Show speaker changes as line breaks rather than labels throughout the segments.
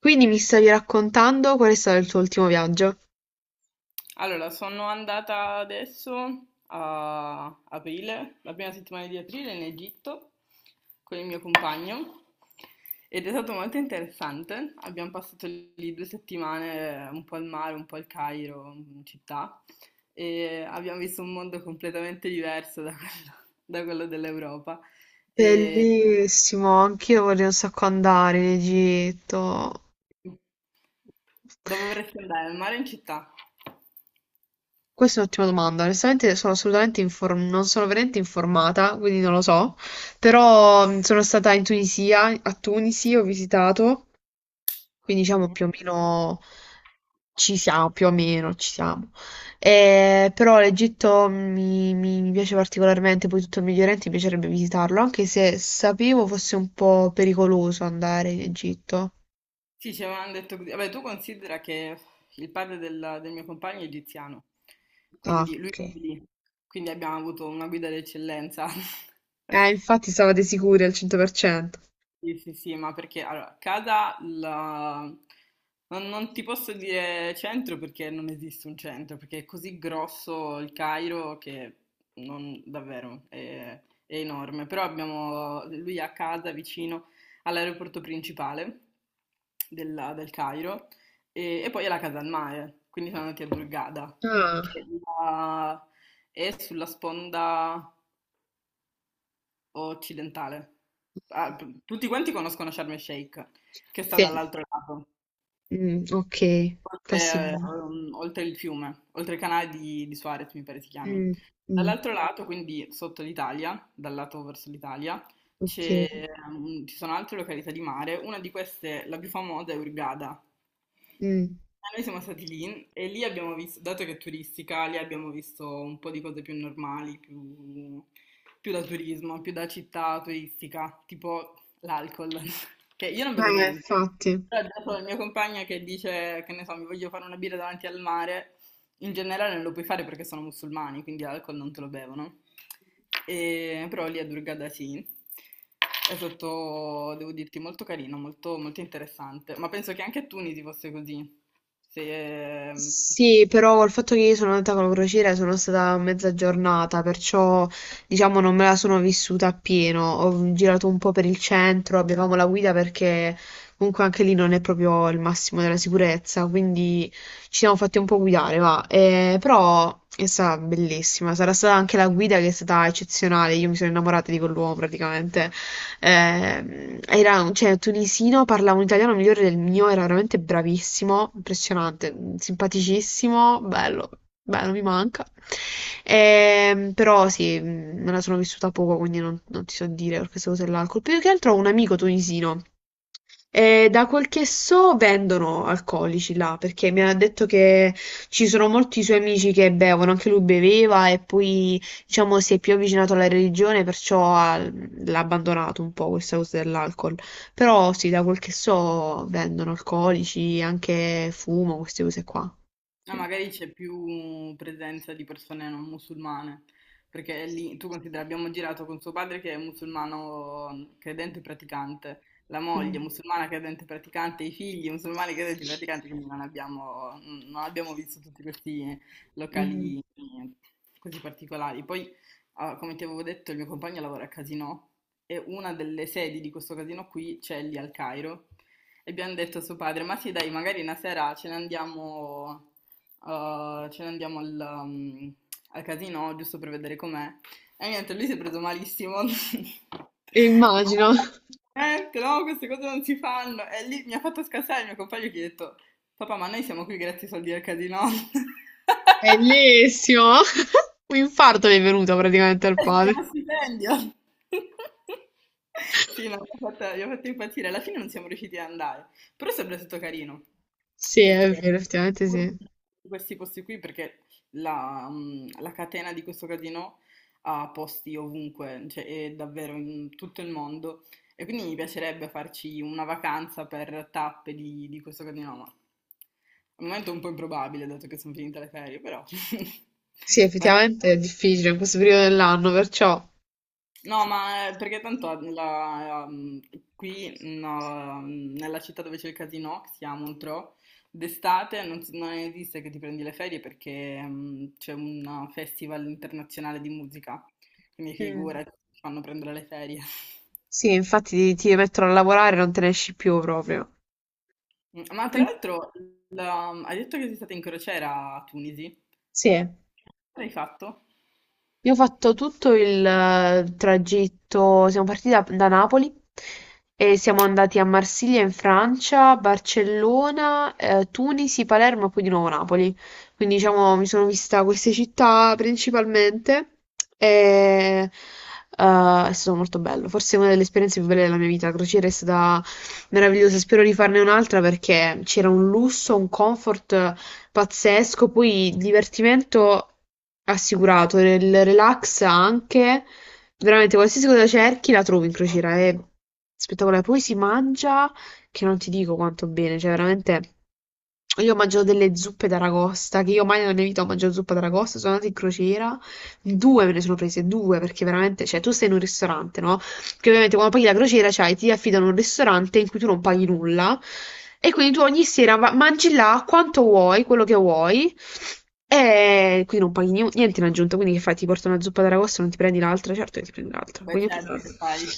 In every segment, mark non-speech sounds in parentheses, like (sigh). Quindi mi stavi raccontando qual è stato il tuo ultimo viaggio?
Allora, sono andata adesso a aprile, la prima settimana di aprile in Egitto con il mio compagno ed è stato molto interessante. Abbiamo passato lì 2 settimane un po' al mare, un po' al Cairo, in città, e abbiamo visto un mondo completamente diverso da quello dell'Europa. E...
Bellissimo, anch'io vorrei un sacco andare in Egitto.
Dove vorresti andare? Al mare o in città?
Questa è un'ottima domanda. Onestamente sono assolutamente non sono veramente informata, quindi non lo so. Però sono stata in Tunisia, a Tunisi ho visitato, quindi diciamo più o meno. Ci siamo, più o meno, ci siamo. Però l'Egitto mi piace particolarmente, poi tutto il Medio Oriente mi piacerebbe visitarlo, anche se sapevo fosse un po' pericoloso andare in Egitto.
Sì, ci avevano detto così. Vabbè, tu considera che il padre del mio compagno è egiziano,
Ah,
quindi lui
ok.
è lì, quindi abbiamo avuto una guida d'eccellenza. (laughs)
Infatti stavate sicuri al 100%.
Sì, sì, sì, ma perché allora, non ti posso dire centro perché non esiste un centro, perché è così grosso il Cairo che non, davvero è enorme. Però abbiamo lui a casa vicino all'aeroporto principale del Cairo e poi è la casa al mare, quindi siamo andati a Hurghada, che
Ah.
è la- è sulla sponda occidentale. Ah, tutti quanti conoscono Sharm el Sheikh, che sta
Sì.
dall'altro lato.
Mm, ok,
Oltre,
passivo.
ehm, oltre il fiume, oltre il canale di Suarez, mi pare si chiami.
Mm, mm,
Dall'altro lato, quindi sotto l'Italia, dal lato verso l'Italia,
ok.
ci sono altre località di mare. Una di queste, la più famosa, è Hurghada.
Mm.
Noi siamo stati lì e lì abbiamo visto, dato che è turistica, lì abbiamo visto un po' di cose più normali, più da turismo, più da città turistica, tipo l'alcol, (laughs) che io non bevo niente.
Infatti.
Però dopo il mio compagno che dice, che ne so, mi voglio fare una birra davanti al mare, in generale non lo puoi fare perché sono musulmani, quindi l'alcol non te lo bevono. Però lì a Durgada sì, è sotto, devo dirti, molto carino, molto, molto interessante. Ma penso che anche a Tunisi fosse così. Se,
Sì, però col fatto che io sono andata con la crociera sono stata mezza giornata, perciò diciamo non me la sono vissuta appieno. Ho girato un po' per il centro, avevamo la guida perché comunque anche lì non è proprio il massimo della sicurezza, quindi ci siamo fatti un po' guidare, va. Però è stata bellissima, sarà stata anche la guida che è stata eccezionale, io mi sono innamorata di quell'uomo praticamente. Era cioè, tunisino, parlava un italiano migliore del mio, era veramente bravissimo, impressionante, simpaticissimo, bello, bello, mi manca. Però sì, me la sono vissuta poco, quindi non ti so dire per queste cose là. Più che altro ho un amico tunisino. E da quel che so vendono alcolici là, perché mi ha detto che ci sono molti suoi amici che bevono, anche lui beveva e poi diciamo si è più avvicinato alla religione, l'ha abbandonato un po' questa cosa dell'alcol. Però sì, da quel che so vendono alcolici, anche fumo, queste cose qua.
Ah,
Sì.
magari c'è più presenza di persone non musulmane, perché lì tu considera, abbiamo girato con suo padre che è musulmano, credente e praticante, la
Mm.
moglie musulmana credente e praticante, i figli musulmani credenti e praticanti, quindi non abbiamo visto tutti questi
Mm.
locali, così particolari. Poi, come ti avevo detto, il mio compagno lavora a Casinò e una delle sedi di questo casino qui c'è lì al Cairo. E abbiamo detto a suo padre, ma sì dai, magari una sera ce ne andiamo al casino giusto per vedere com'è. E niente, lui si è preso malissimo. (laughs)
Immagino,
No, niente, no, queste cose non si fanno. E lì mi ha fatto scassare il mio compagno che gli ha detto, papà, ma noi siamo qui grazie ai soldi del casino. (laughs)
bellissimo! (laughs) Un infarto mi è venuto praticamente
(laughs)
al
Si chiama
padre.
stipendio. (laughs) Sì, no, mi ha fatto impazzire. Alla fine non siamo riusciti ad andare, però è sempre stato carino,
Sì,
perché
è vero,
(laughs)
effettivamente
pur
sì.
in questi posti qui, perché la catena di questo casino ha posti ovunque, cioè è davvero in tutto il mondo, e quindi mi piacerebbe farci una vacanza per tappe di questo casino, ma al momento è un po' improbabile, dato che sono finite le ferie, però (laughs)
Sì,
magari.
effettivamente è difficile in questo periodo dell'anno, perciò...
No, ma perché tanto qui no, nella città dove c'è il casino, che si chiama Montreux, d'estate non esiste che ti prendi le ferie perché c'è un festival internazionale di musica, quindi
Mm.
figura, ti fanno prendere le ferie. (laughs)
Sì, infatti ti mettono a lavorare e non te ne esci più proprio.
Ma tra
Pi-
l'altro, hai detto che sei stata in crociera a Tunisi,
Sì.
cosa hai fatto?
Io ho fatto tutto il tragitto, siamo partiti da Napoli e siamo andati a Marsiglia in Francia, Barcellona, Tunisi, Palermo e poi di nuovo Napoli. Quindi diciamo mi sono vista queste città principalmente e è stato molto bello. Forse una delle esperienze più belle della mia vita. La crociera è stata meravigliosa, spero di farne un'altra perché c'era un lusso, un comfort pazzesco, poi divertimento assicurato, il relax anche, veramente qualsiasi cosa cerchi la trovi in crociera, è spettacolare. Poi si mangia che non ti dico quanto bene, cioè veramente... Io ho mangiato delle zuppe d'aragosta, che io mai nella mia vita ho mangiato zuppa d'aragosta, sono andata in crociera, due me ne sono prese, due, perché veramente, cioè tu stai in un ristorante, no? Perché ovviamente quando paghi la crociera, cioè, ti affidano un ristorante in cui tu non paghi nulla e quindi tu ogni sera mangi là quanto vuoi, quello che vuoi e quindi non paghi niente in aggiunta, quindi che fai? Ti porta una zuppa d'aragosto, non ti prendi l'altra? Certo che ti prendi l'altra.
Beh,
Quindi ho preso
certo che
l'altra.
fai.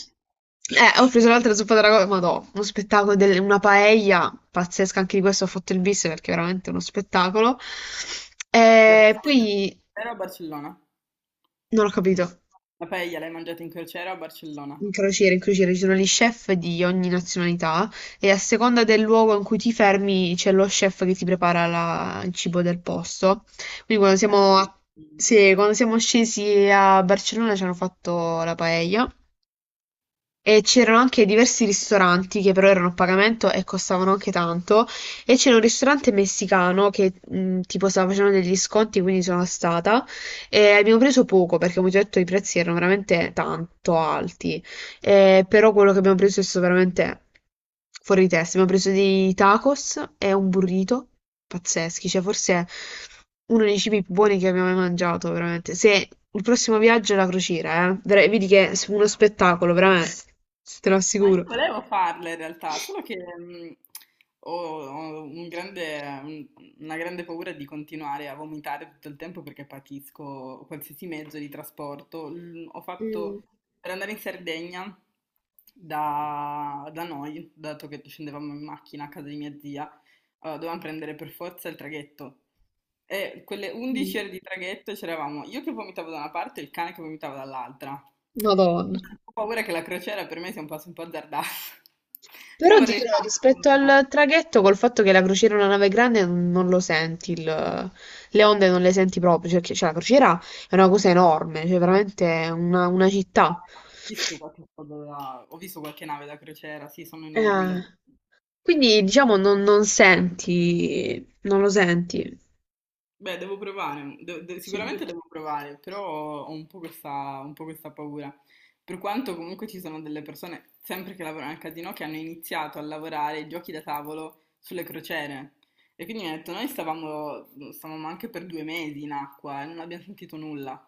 Ho preso l'altra zuppa d'aragosto, ma no, uno spettacolo, una paella pazzesca, anche di questo ho fatto il bis perché è veramente uno spettacolo.
La
E
paella in
poi
crociera o a Barcellona?
non ho capito.
La paella l'hai mangiata in crociera o a Barcellona?
In crociere ci sono gli chef di ogni nazionalità e a seconda del luogo in cui ti fermi c'è lo chef che ti prepara il cibo del posto. Quindi
Beh, sì.
sì, quando siamo scesi a Barcellona ci hanno fatto la paella e c'erano anche diversi ristoranti che però erano a pagamento e costavano anche tanto e c'era un ristorante messicano che tipo stava facendo degli sconti quindi sono stata e abbiamo preso poco perché come ti ho detto i prezzi erano veramente tanto alti. Però quello che abbiamo preso è stato veramente fuori di testa. Abbiamo preso dei tacos e un burrito pazzeschi, cioè forse uno dei cibi più buoni che abbiamo mai mangiato, veramente. Se il prossimo viaggio è la crociera, vedi che è uno spettacolo, veramente, te lo
Ma io
assicuro.
volevo farle in realtà, solo che ho, ho una grande paura di continuare a vomitare tutto il tempo perché patisco qualsiasi mezzo di trasporto. Ho
Mm.
fatto per andare in Sardegna da noi, dato che scendevamo in macchina a casa di mia zia, allora, dovevamo prendere per forza il traghetto. E quelle
Mm.
11 ore di traghetto c'eravamo io che vomitavo da una parte e il cane che vomitava dall'altra.
Madonna.
Ho paura che la crociera per me sia un passo un po' azzardato. (laughs)
Però
Però
ti
vorrei
dirò,
farne
rispetto
una.
al traghetto, col fatto che la crociera è una nave grande, non lo senti, le onde non le senti proprio, cioè, la crociera è una cosa enorme, cioè veramente è una città.
Ho visto qualche nave da crociera, sì, sono enormi
Eh,
davvero.
quindi diciamo non senti, non lo senti.
Beh, devo provare,
Sì.
sicuramente devo provare, però ho un po' questa paura. Per quanto comunque ci sono delle persone, sempre che lavorano al casino, che hanno iniziato a lavorare ai giochi da tavolo sulle crociere. E quindi mi ha detto, noi stavamo anche per 2 mesi in acqua e non abbiamo sentito nulla.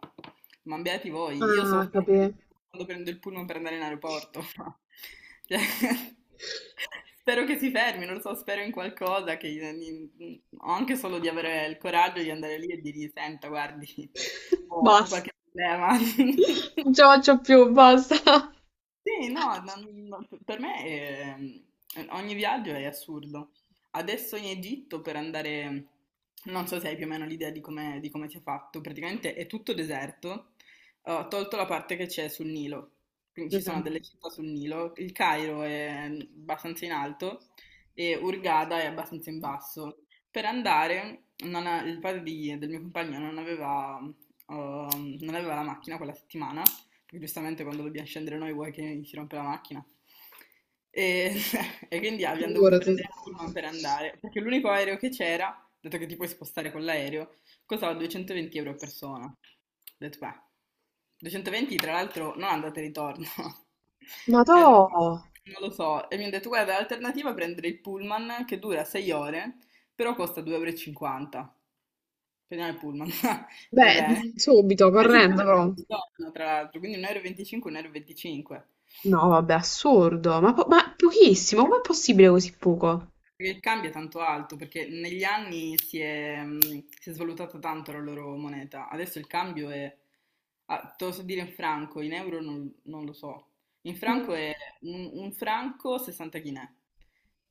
Ma beati voi, io
Ah,
soffro ancora
capì.
di più quando prendo il pullman per andare in aeroporto. (laughs) Cioè, (laughs)
(laughs)
spero che si fermi, non lo so, spero in qualcosa, o anche solo di avere il coraggio di andare lì e dirgli, senta, guardi, ho
Basta,
qualche problema. (laughs)
non ce la faccio più, basta.
Sì, no, no, no, per me ogni viaggio è assurdo. Adesso in Egitto per andare, non so se hai più o meno l'idea di come, sia fatto, praticamente è tutto deserto, ho tolto la parte che c'è sul Nilo, quindi ci sono
Mm.
delle città sul Nilo, il Cairo è abbastanza in alto e Hurghada è abbastanza in basso. Per andare, non ha- il padre del mio compagno non aveva la macchina quella settimana perché giustamente quando dobbiamo scendere noi vuoi che si rompe la macchina. E, (laughs) e quindi abbiamo dovuto
Figurati.
prendere il pullman per andare, perché l'unico aereo che c'era, dato che ti puoi spostare con l'aereo, costava 220 euro a persona. Ho detto, beh, 220 tra l'altro non andate e ritorno. (laughs)
Ma to...
E ho detto, "No, non lo so. E mi hanno detto, guarda, l'alternativa è prendere il pullman che dura 6 ore, però costa 2,50 euro e cinquanta. Prendiamo il pullman, (laughs) va
Beh,
bene.
subito,
(laughs) 1,50
correndo però.
euro, tra l'altro, quindi 1,25 euro, 1,25 euro e venticinque.
No, vabbè, assurdo. Ma pochissimo, com'è possibile così poco?
Perché il cambio è tanto alto, perché negli anni si è svalutata tanto la loro moneta. Adesso il cambio è, te lo so dire in franco, in euro non lo so. In franco
Mm.
è un franco 60 chinè.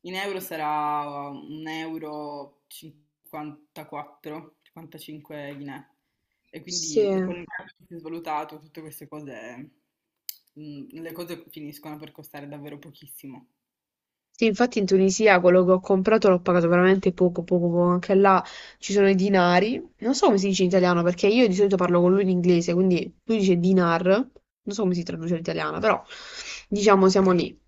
In euro sarà un euro 54, 55 Guinè. E
Sì.
quindi con il cambio che si è svalutato, tutte queste cose, le cose finiscono per costare davvero pochissimo.
Sì, infatti in Tunisia quello che ho comprato l'ho pagato veramente poco, poco, poco. Anche là ci sono i dinari. Non so come si dice in italiano, perché io di solito parlo con lui in inglese, quindi lui dice dinar. Non so come si traduce in italiano, però diciamo siamo lì.